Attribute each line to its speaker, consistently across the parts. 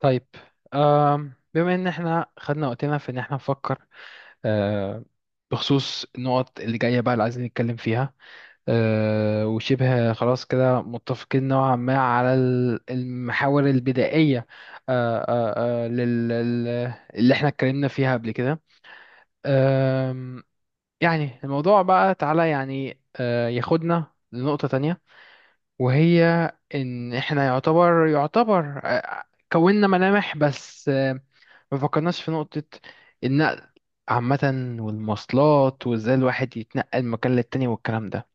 Speaker 1: طيب. بما ان احنا خدنا وقتنا في ان احنا نفكر، آه، بخصوص النقط اللي جاية بقى اللي عايزين نتكلم فيها. وشبه خلاص كده متفقين نوعا ما على المحاور البدائية اللي احنا اتكلمنا فيها قبل كده. آم، يعني الموضوع بقى تعالى يعني ياخدنا لنقطة تانية، وهي ان احنا يعتبر كوننا ملامح بس، ما فكرناش في نقطة النقل عامة والمواصلات وازاي الواحد يتنقل من مكان للتاني والكلام ده.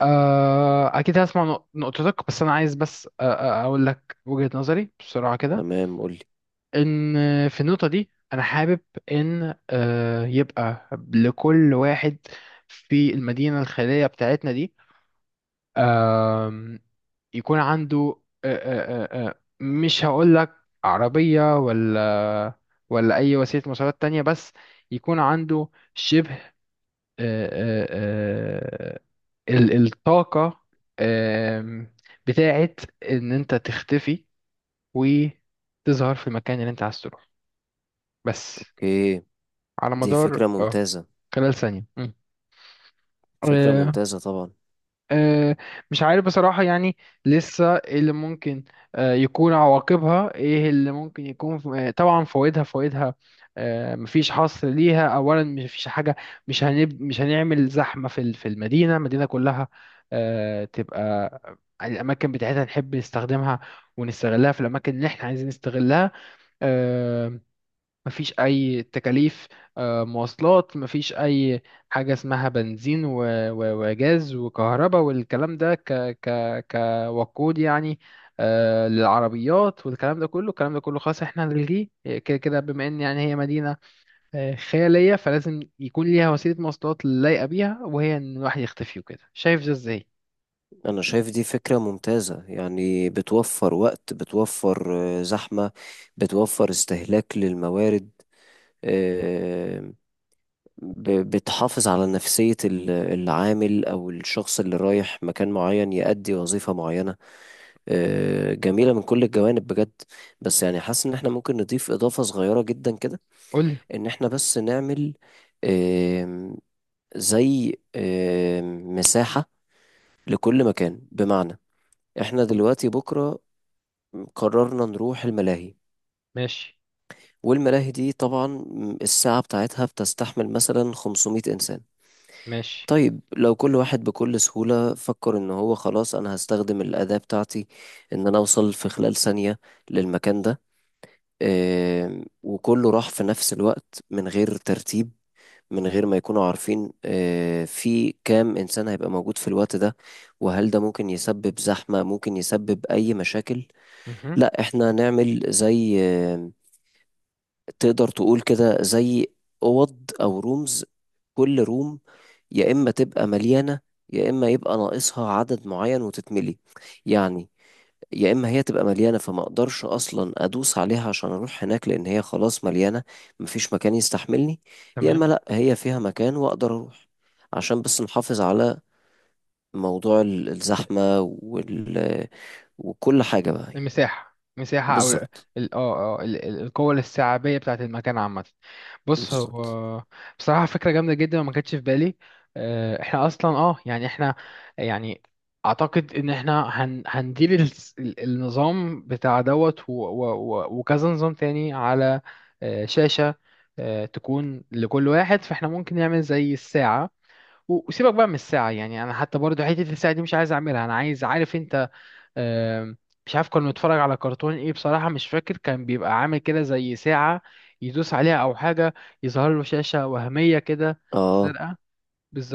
Speaker 1: أكيد هسمع نقطتك، بس أنا عايز بس أقول لك وجهة نظري بسرعة كده.
Speaker 2: تمام قولي.
Speaker 1: إن في النقطة دي أنا حابب إن يبقى لكل واحد في المدينة الخيرية بتاعتنا دي، آه، أم، يكون عنده مش هقول لك عربية ولا أي وسيلة مواصلات تانية، بس يكون عنده شبه آه، آه، آه، الطاقة آم، بتاعت إن أنت تختفي وتظهر في المكان اللي أنت عايز تروح، بس
Speaker 2: اوكي،
Speaker 1: على
Speaker 2: دي
Speaker 1: مدار
Speaker 2: فكرة ممتازة.
Speaker 1: خلال ثانية.
Speaker 2: فكرة
Speaker 1: مم.
Speaker 2: ممتازة طبعا.
Speaker 1: آه، مش عارف بصراحة، يعني لسه إيه اللي ممكن يكون عواقبها، ايه اللي ممكن يكون طبعا فوائدها فوائدها، مفيش حصر ليها. اولا، مفيش حاجة. مش هنعمل زحمة في المدينة كلها. تبقى الاماكن بتاعتها نحب نستخدمها ونستغلها في الاماكن اللي احنا عايزين نستغلها. آه، مفيش أي تكاليف مواصلات، مفيش أي حاجة اسمها بنزين وجاز وكهرباء والكلام ده ك ك كوقود يعني، للعربيات والكلام ده كله. الكلام ده كله خلاص احنا هنلغيه، كده كده بما ان يعني هي مدينة خيالية، فلازم يكون ليها وسيلة مواصلات لايقة بيها، وهي ان الواحد يختفي وكده. شايف ده ازاي؟
Speaker 2: انا شايف دي فكرة ممتازة، يعني بتوفر وقت، بتوفر زحمة، بتوفر استهلاك للموارد. آه، بتحافظ على نفسية العامل او الشخص اللي رايح مكان معين يأدي وظيفة معينة. جميلة من كل الجوانب بجد. بس يعني حاسس ان احنا ممكن نضيف اضافة صغيرة جدا كده.
Speaker 1: قولي.
Speaker 2: ان احنا بس نعمل زي مساحة لكل مكان. بمعنى احنا دلوقتي بكرة قررنا نروح الملاهي،
Speaker 1: ماشي.
Speaker 2: والملاهي دي طبعا الساعة بتاعتها بتستحمل مثلا 500 إنسان.
Speaker 1: ماشي.
Speaker 2: طيب لو كل واحد بكل سهولة فكر إن هو خلاص أنا هستخدم الأداة بتاعتي، إن أنا أوصل في خلال ثانية للمكان ده، وكله راح في نفس الوقت من غير ترتيب، من غير ما يكونوا عارفين في كام إنسان هيبقى موجود في الوقت ده، وهل ده ممكن يسبب زحمة، ممكن يسبب أي مشاكل.
Speaker 1: مهم.
Speaker 2: لا، إحنا نعمل زي تقدر تقول كده زي أوض أو رومز. كل روم يا إما تبقى مليانة، يا إما يبقى ناقصها عدد معين وتتملي. يعني يا اما هي تبقى مليانه فما اقدرش اصلا ادوس عليها عشان اروح هناك لان هي خلاص مليانه، مفيش مكان يستحملني. يا اما
Speaker 1: تمام.
Speaker 2: لا، هي فيها مكان واقدر اروح. عشان بس نحافظ على موضوع الزحمه وكل حاجه بقى.
Speaker 1: المساحة مساحة أو
Speaker 2: بالظبط.
Speaker 1: القوة الاستيعابية بتاعة المكان عامة. بص،
Speaker 2: بالظبط.
Speaker 1: هو بصراحة فكرة جامدة جدا وما كانتش في بالي. احنا أصلا يعني احنا يعني أعتقد إن احنا هندير النظام بتاع دوت وكذا نظام تاني على شاشة تكون لكل واحد. فاحنا ممكن نعمل زي الساعة وسيبك بقى من الساعة، يعني أنا حتى برضو حتة الساعة دي مش عايز أعملها. أنا عايز عارف أنت. آم، مش عارف كنا بنتفرج على كرتون ايه بصراحة، مش فاكر، كان بيبقى عامل كده زي ساعة يدوس عليها او حاجة يظهر له شاشة وهمية كده
Speaker 2: اه.
Speaker 1: زرقاء.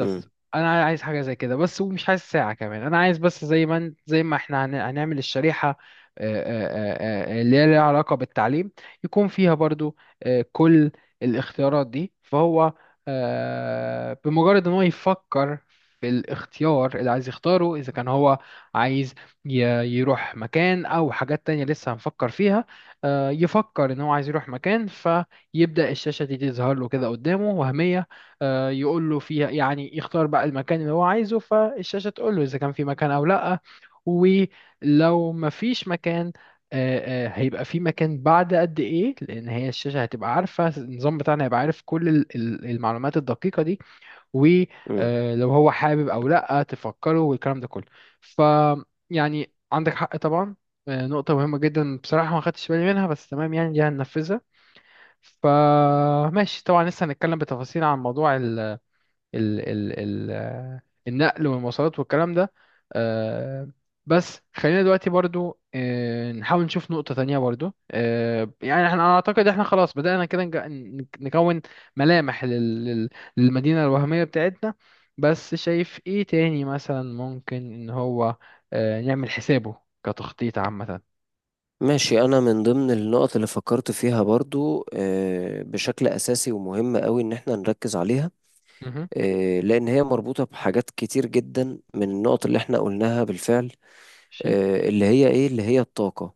Speaker 2: امم
Speaker 1: انا عايز حاجه زي كده بس، ومش عايز ساعه كمان. انا عايز بس زي ما زي ما احنا هنعمل الشريحه، اللي هي ليها علاقه بالتعليم، يكون فيها برضو كل الاختيارات دي. فهو بمجرد ان هو يفكر في الاختيار اللي عايز يختاره، اذا كان هو عايز ي- يروح مكان او حاجات تانية لسه هنفكر فيها، يفكر ان هو عايز يروح مكان فيبدأ الشاشة دي تظهر له كده قدامه وهمية، يقول له فيها يعني يختار بقى المكان اللي هو عايزه، فالشاشة تقول له إذا كان في مكان أو لأ. ولو مفيش مكان هيبقى في مكان بعد قد إيه، لأن هي الشاشة هتبقى عارفة. النظام بتاعنا هيبقى عارف كل المعلومات الدقيقة دي،
Speaker 2: امم.
Speaker 1: ولو هو حابب أو لأ تفكره والكلام ده كله. ف يعني عندك حق طبعا، نقطة مهمة جدا بصراحة ما خدتش بالي منها، بس تمام يعني دي هننفذها. فماشي طبعا، لسه هنتكلم بتفاصيل عن موضوع ال ال ال آه، النقل والمواصلات والكلام ده، آه، بس خلينا دلوقتي برضو نحاول نشوف نقطة تانية برضو. يعني أنا اعتقد احنا خلاص بدأنا كده نكون ملامح للمدينة الوهمية بتاعتنا. بس شايف ايه تاني مثلا ممكن ان هو نعمل حسابه كتخطيط عامة؟
Speaker 2: ماشي، انا من ضمن النقط اللي فكرت فيها برضو بشكل اساسي ومهم قوي ان احنا نركز عليها،
Speaker 1: مهم.
Speaker 2: لأن هي مربوطة بحاجات كتير جدا من النقط اللي احنا قلناها بالفعل.
Speaker 1: شي.
Speaker 2: اللي هي ايه، اللي هي الطاقة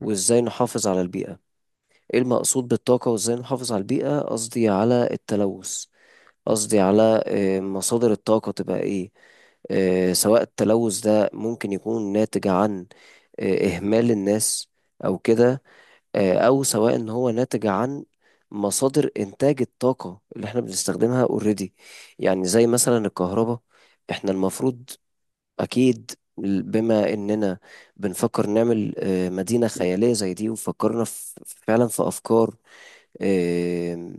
Speaker 1: مم.
Speaker 2: نحافظ على البيئة. ايه المقصود بالطاقة وازاي نحافظ على البيئة؟ قصدي على التلوث، قصدي على مصادر الطاقة تبقى ايه. سواء التلوث ده ممكن يكون ناتج عن اهمال الناس او كده، او سواء ان هو ناتج عن مصادر انتاج الطاقة اللي احنا بنستخدمها اوريدي. يعني زي مثلا الكهرباء، احنا المفروض أكيد بما إننا بنفكر نعمل مدينة خيالية زي دي، وفكرنا في فعلا في أفكار آه،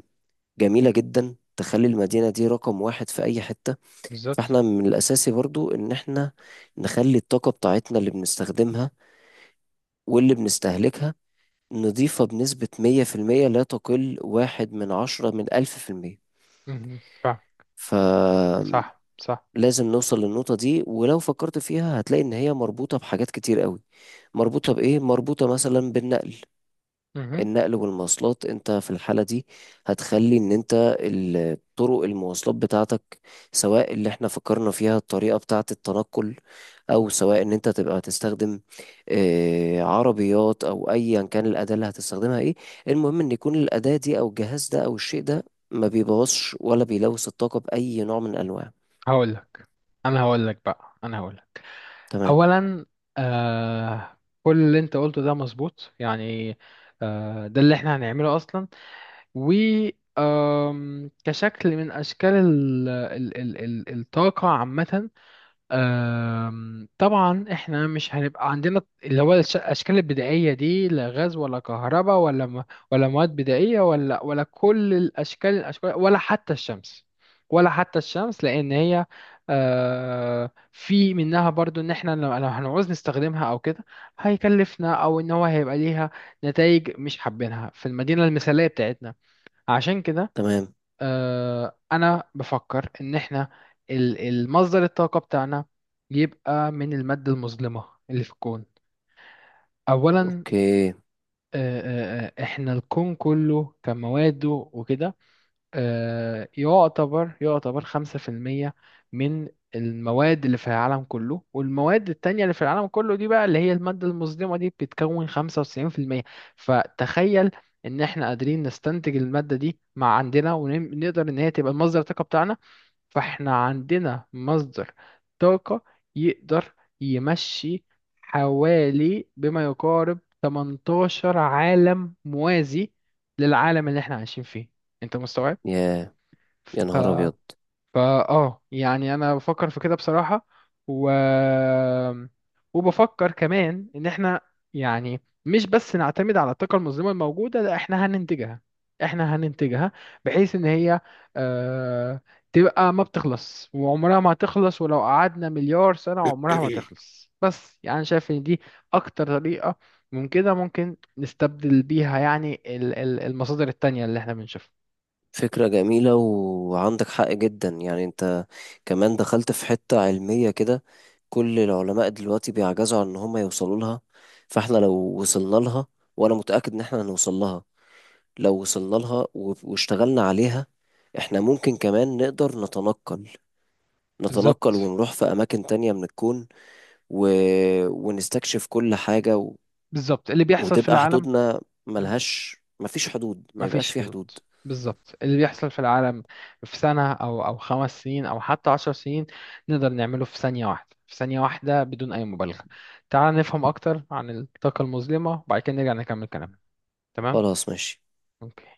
Speaker 2: جميلة جدا تخلي المدينة دي رقم واحد في أي حتة.
Speaker 1: بالظبط.
Speaker 2: فإحنا من الأساسي برضو إن إحنا نخلي الطاقة بتاعتنا اللي بنستخدمها واللي بنستهلكها نضيفها بنسبة مية في المية، لا تقل واحد من عشرة من ألف في المية.
Speaker 1: مهم. صح. صح.
Speaker 2: لازم نوصل للنقطة دي، ولو فكرت فيها هتلاقي إن هي مربوطة بحاجات كتير قوي. مربوطة بإيه؟ مربوطة مثلا بالنقل.
Speaker 1: مهم.
Speaker 2: النقل والمواصلات، أنت في الحالة دي هتخلي إن أنت طرق المواصلات بتاعتك، سواء اللي احنا فكرنا فيها الطريقة بتاعة التنقل، أو سواء إن أنت تبقى تستخدم عربيات أو أيا كان الأداة اللي هتستخدمها إيه. المهم إن يكون الأداة دي أو الجهاز ده أو الشيء ده ما بيبوظش ولا بيلوث الطاقة بأي نوع من الأنواع.
Speaker 1: هقولك انا هقولك بقى انا هقولك
Speaker 2: تمام.
Speaker 1: اولا. كل اللي انت قلته ده مظبوط يعني، ده اللي احنا هنعمله اصلا. و آم، كشكل من اشكال ال ال ال ال الطاقه عامه. طبعا احنا مش هنبقى عندنا اللي هو الاشكال البدائيه دي، لا غاز ولا كهرباء ولا ولا مواد بدائيه ولا كل الاشكال الاشكال ولا حتى الشمس. ولا حتى الشمس لان هي، في منها برضو ان احنا لو هنعوز نستخدمها او كده هيكلفنا، او ان هو هيبقى ليها نتائج مش حابينها في المدينه المثاليه بتاعتنا. عشان كده،
Speaker 2: تمام.
Speaker 1: انا بفكر ان احنا المصدر الطاقة بتاعنا يبقى من المادة المظلمة اللي في الكون اولا.
Speaker 2: اوكي.
Speaker 1: آه، احنا الكون كله كمواده وكده يعتبر 5% من المواد اللي في العالم كله. والمواد التانية اللي في العالم كله دي بقى اللي هي المادة المظلمة دي بتتكون 95%. فتخيل ان احنا قادرين نستنتج المادة دي مع عندنا ونقدر ان هي تبقى المصدر الطاقة بتاعنا. فاحنا عندنا مصدر طاقة يقدر يمشي حوالي بما يقارب 18 عالم موازي للعالم اللي احنا عايشين فيه. انت مستوعب؟
Speaker 2: يا يا نهار ابيض.
Speaker 1: فاه يعني انا بفكر في كده بصراحة، و... وبفكر كمان ان احنا يعني مش بس نعتمد على الطاقة المظلمة الموجودة، لا احنا هننتجها. احنا هننتجها بحيث ان هي آه تبقى ما بتخلص، وعمرها ما هتخلص ولو قعدنا مليار سنة عمرها ما تخلص. بس يعني شايف ان دي اكتر طريقة من كده ممكن نستبدل بيها يعني المصادر التانية اللي احنا بنشوفها.
Speaker 2: فكرة جميلة وعندك حق جدا، يعني انت كمان دخلت في حتة علمية كده كل العلماء دلوقتي بيعجزوا عن ان هم يوصلوا لها. فاحنا لو وصلنا لها، وانا متأكد ان احنا هنوصل لها، لو وصلنا لها واشتغلنا عليها، احنا ممكن كمان نقدر نتنقل، نتنقل
Speaker 1: بالظبط.
Speaker 2: ونروح في اماكن تانية من الكون و... ونستكشف كل حاجة،
Speaker 1: بالظبط اللي بيحصل في
Speaker 2: وتبقى
Speaker 1: العالم،
Speaker 2: حدودنا ملهاش، مفيش حدود، ما يبقاش
Speaker 1: مفيش
Speaker 2: في
Speaker 1: حدود.
Speaker 2: حدود.
Speaker 1: بالظبط اللي بيحصل في العالم في سنة أو 5 سنين أو حتى 10 سنين نقدر نعمله في ثانية واحدة، في ثانية واحدة بدون أي مبالغة. تعال نفهم أكتر عن الطاقة المظلمة وبعد كده نرجع نكمل كلامنا، تمام؟
Speaker 2: خلاص ماشي.
Speaker 1: أوكي.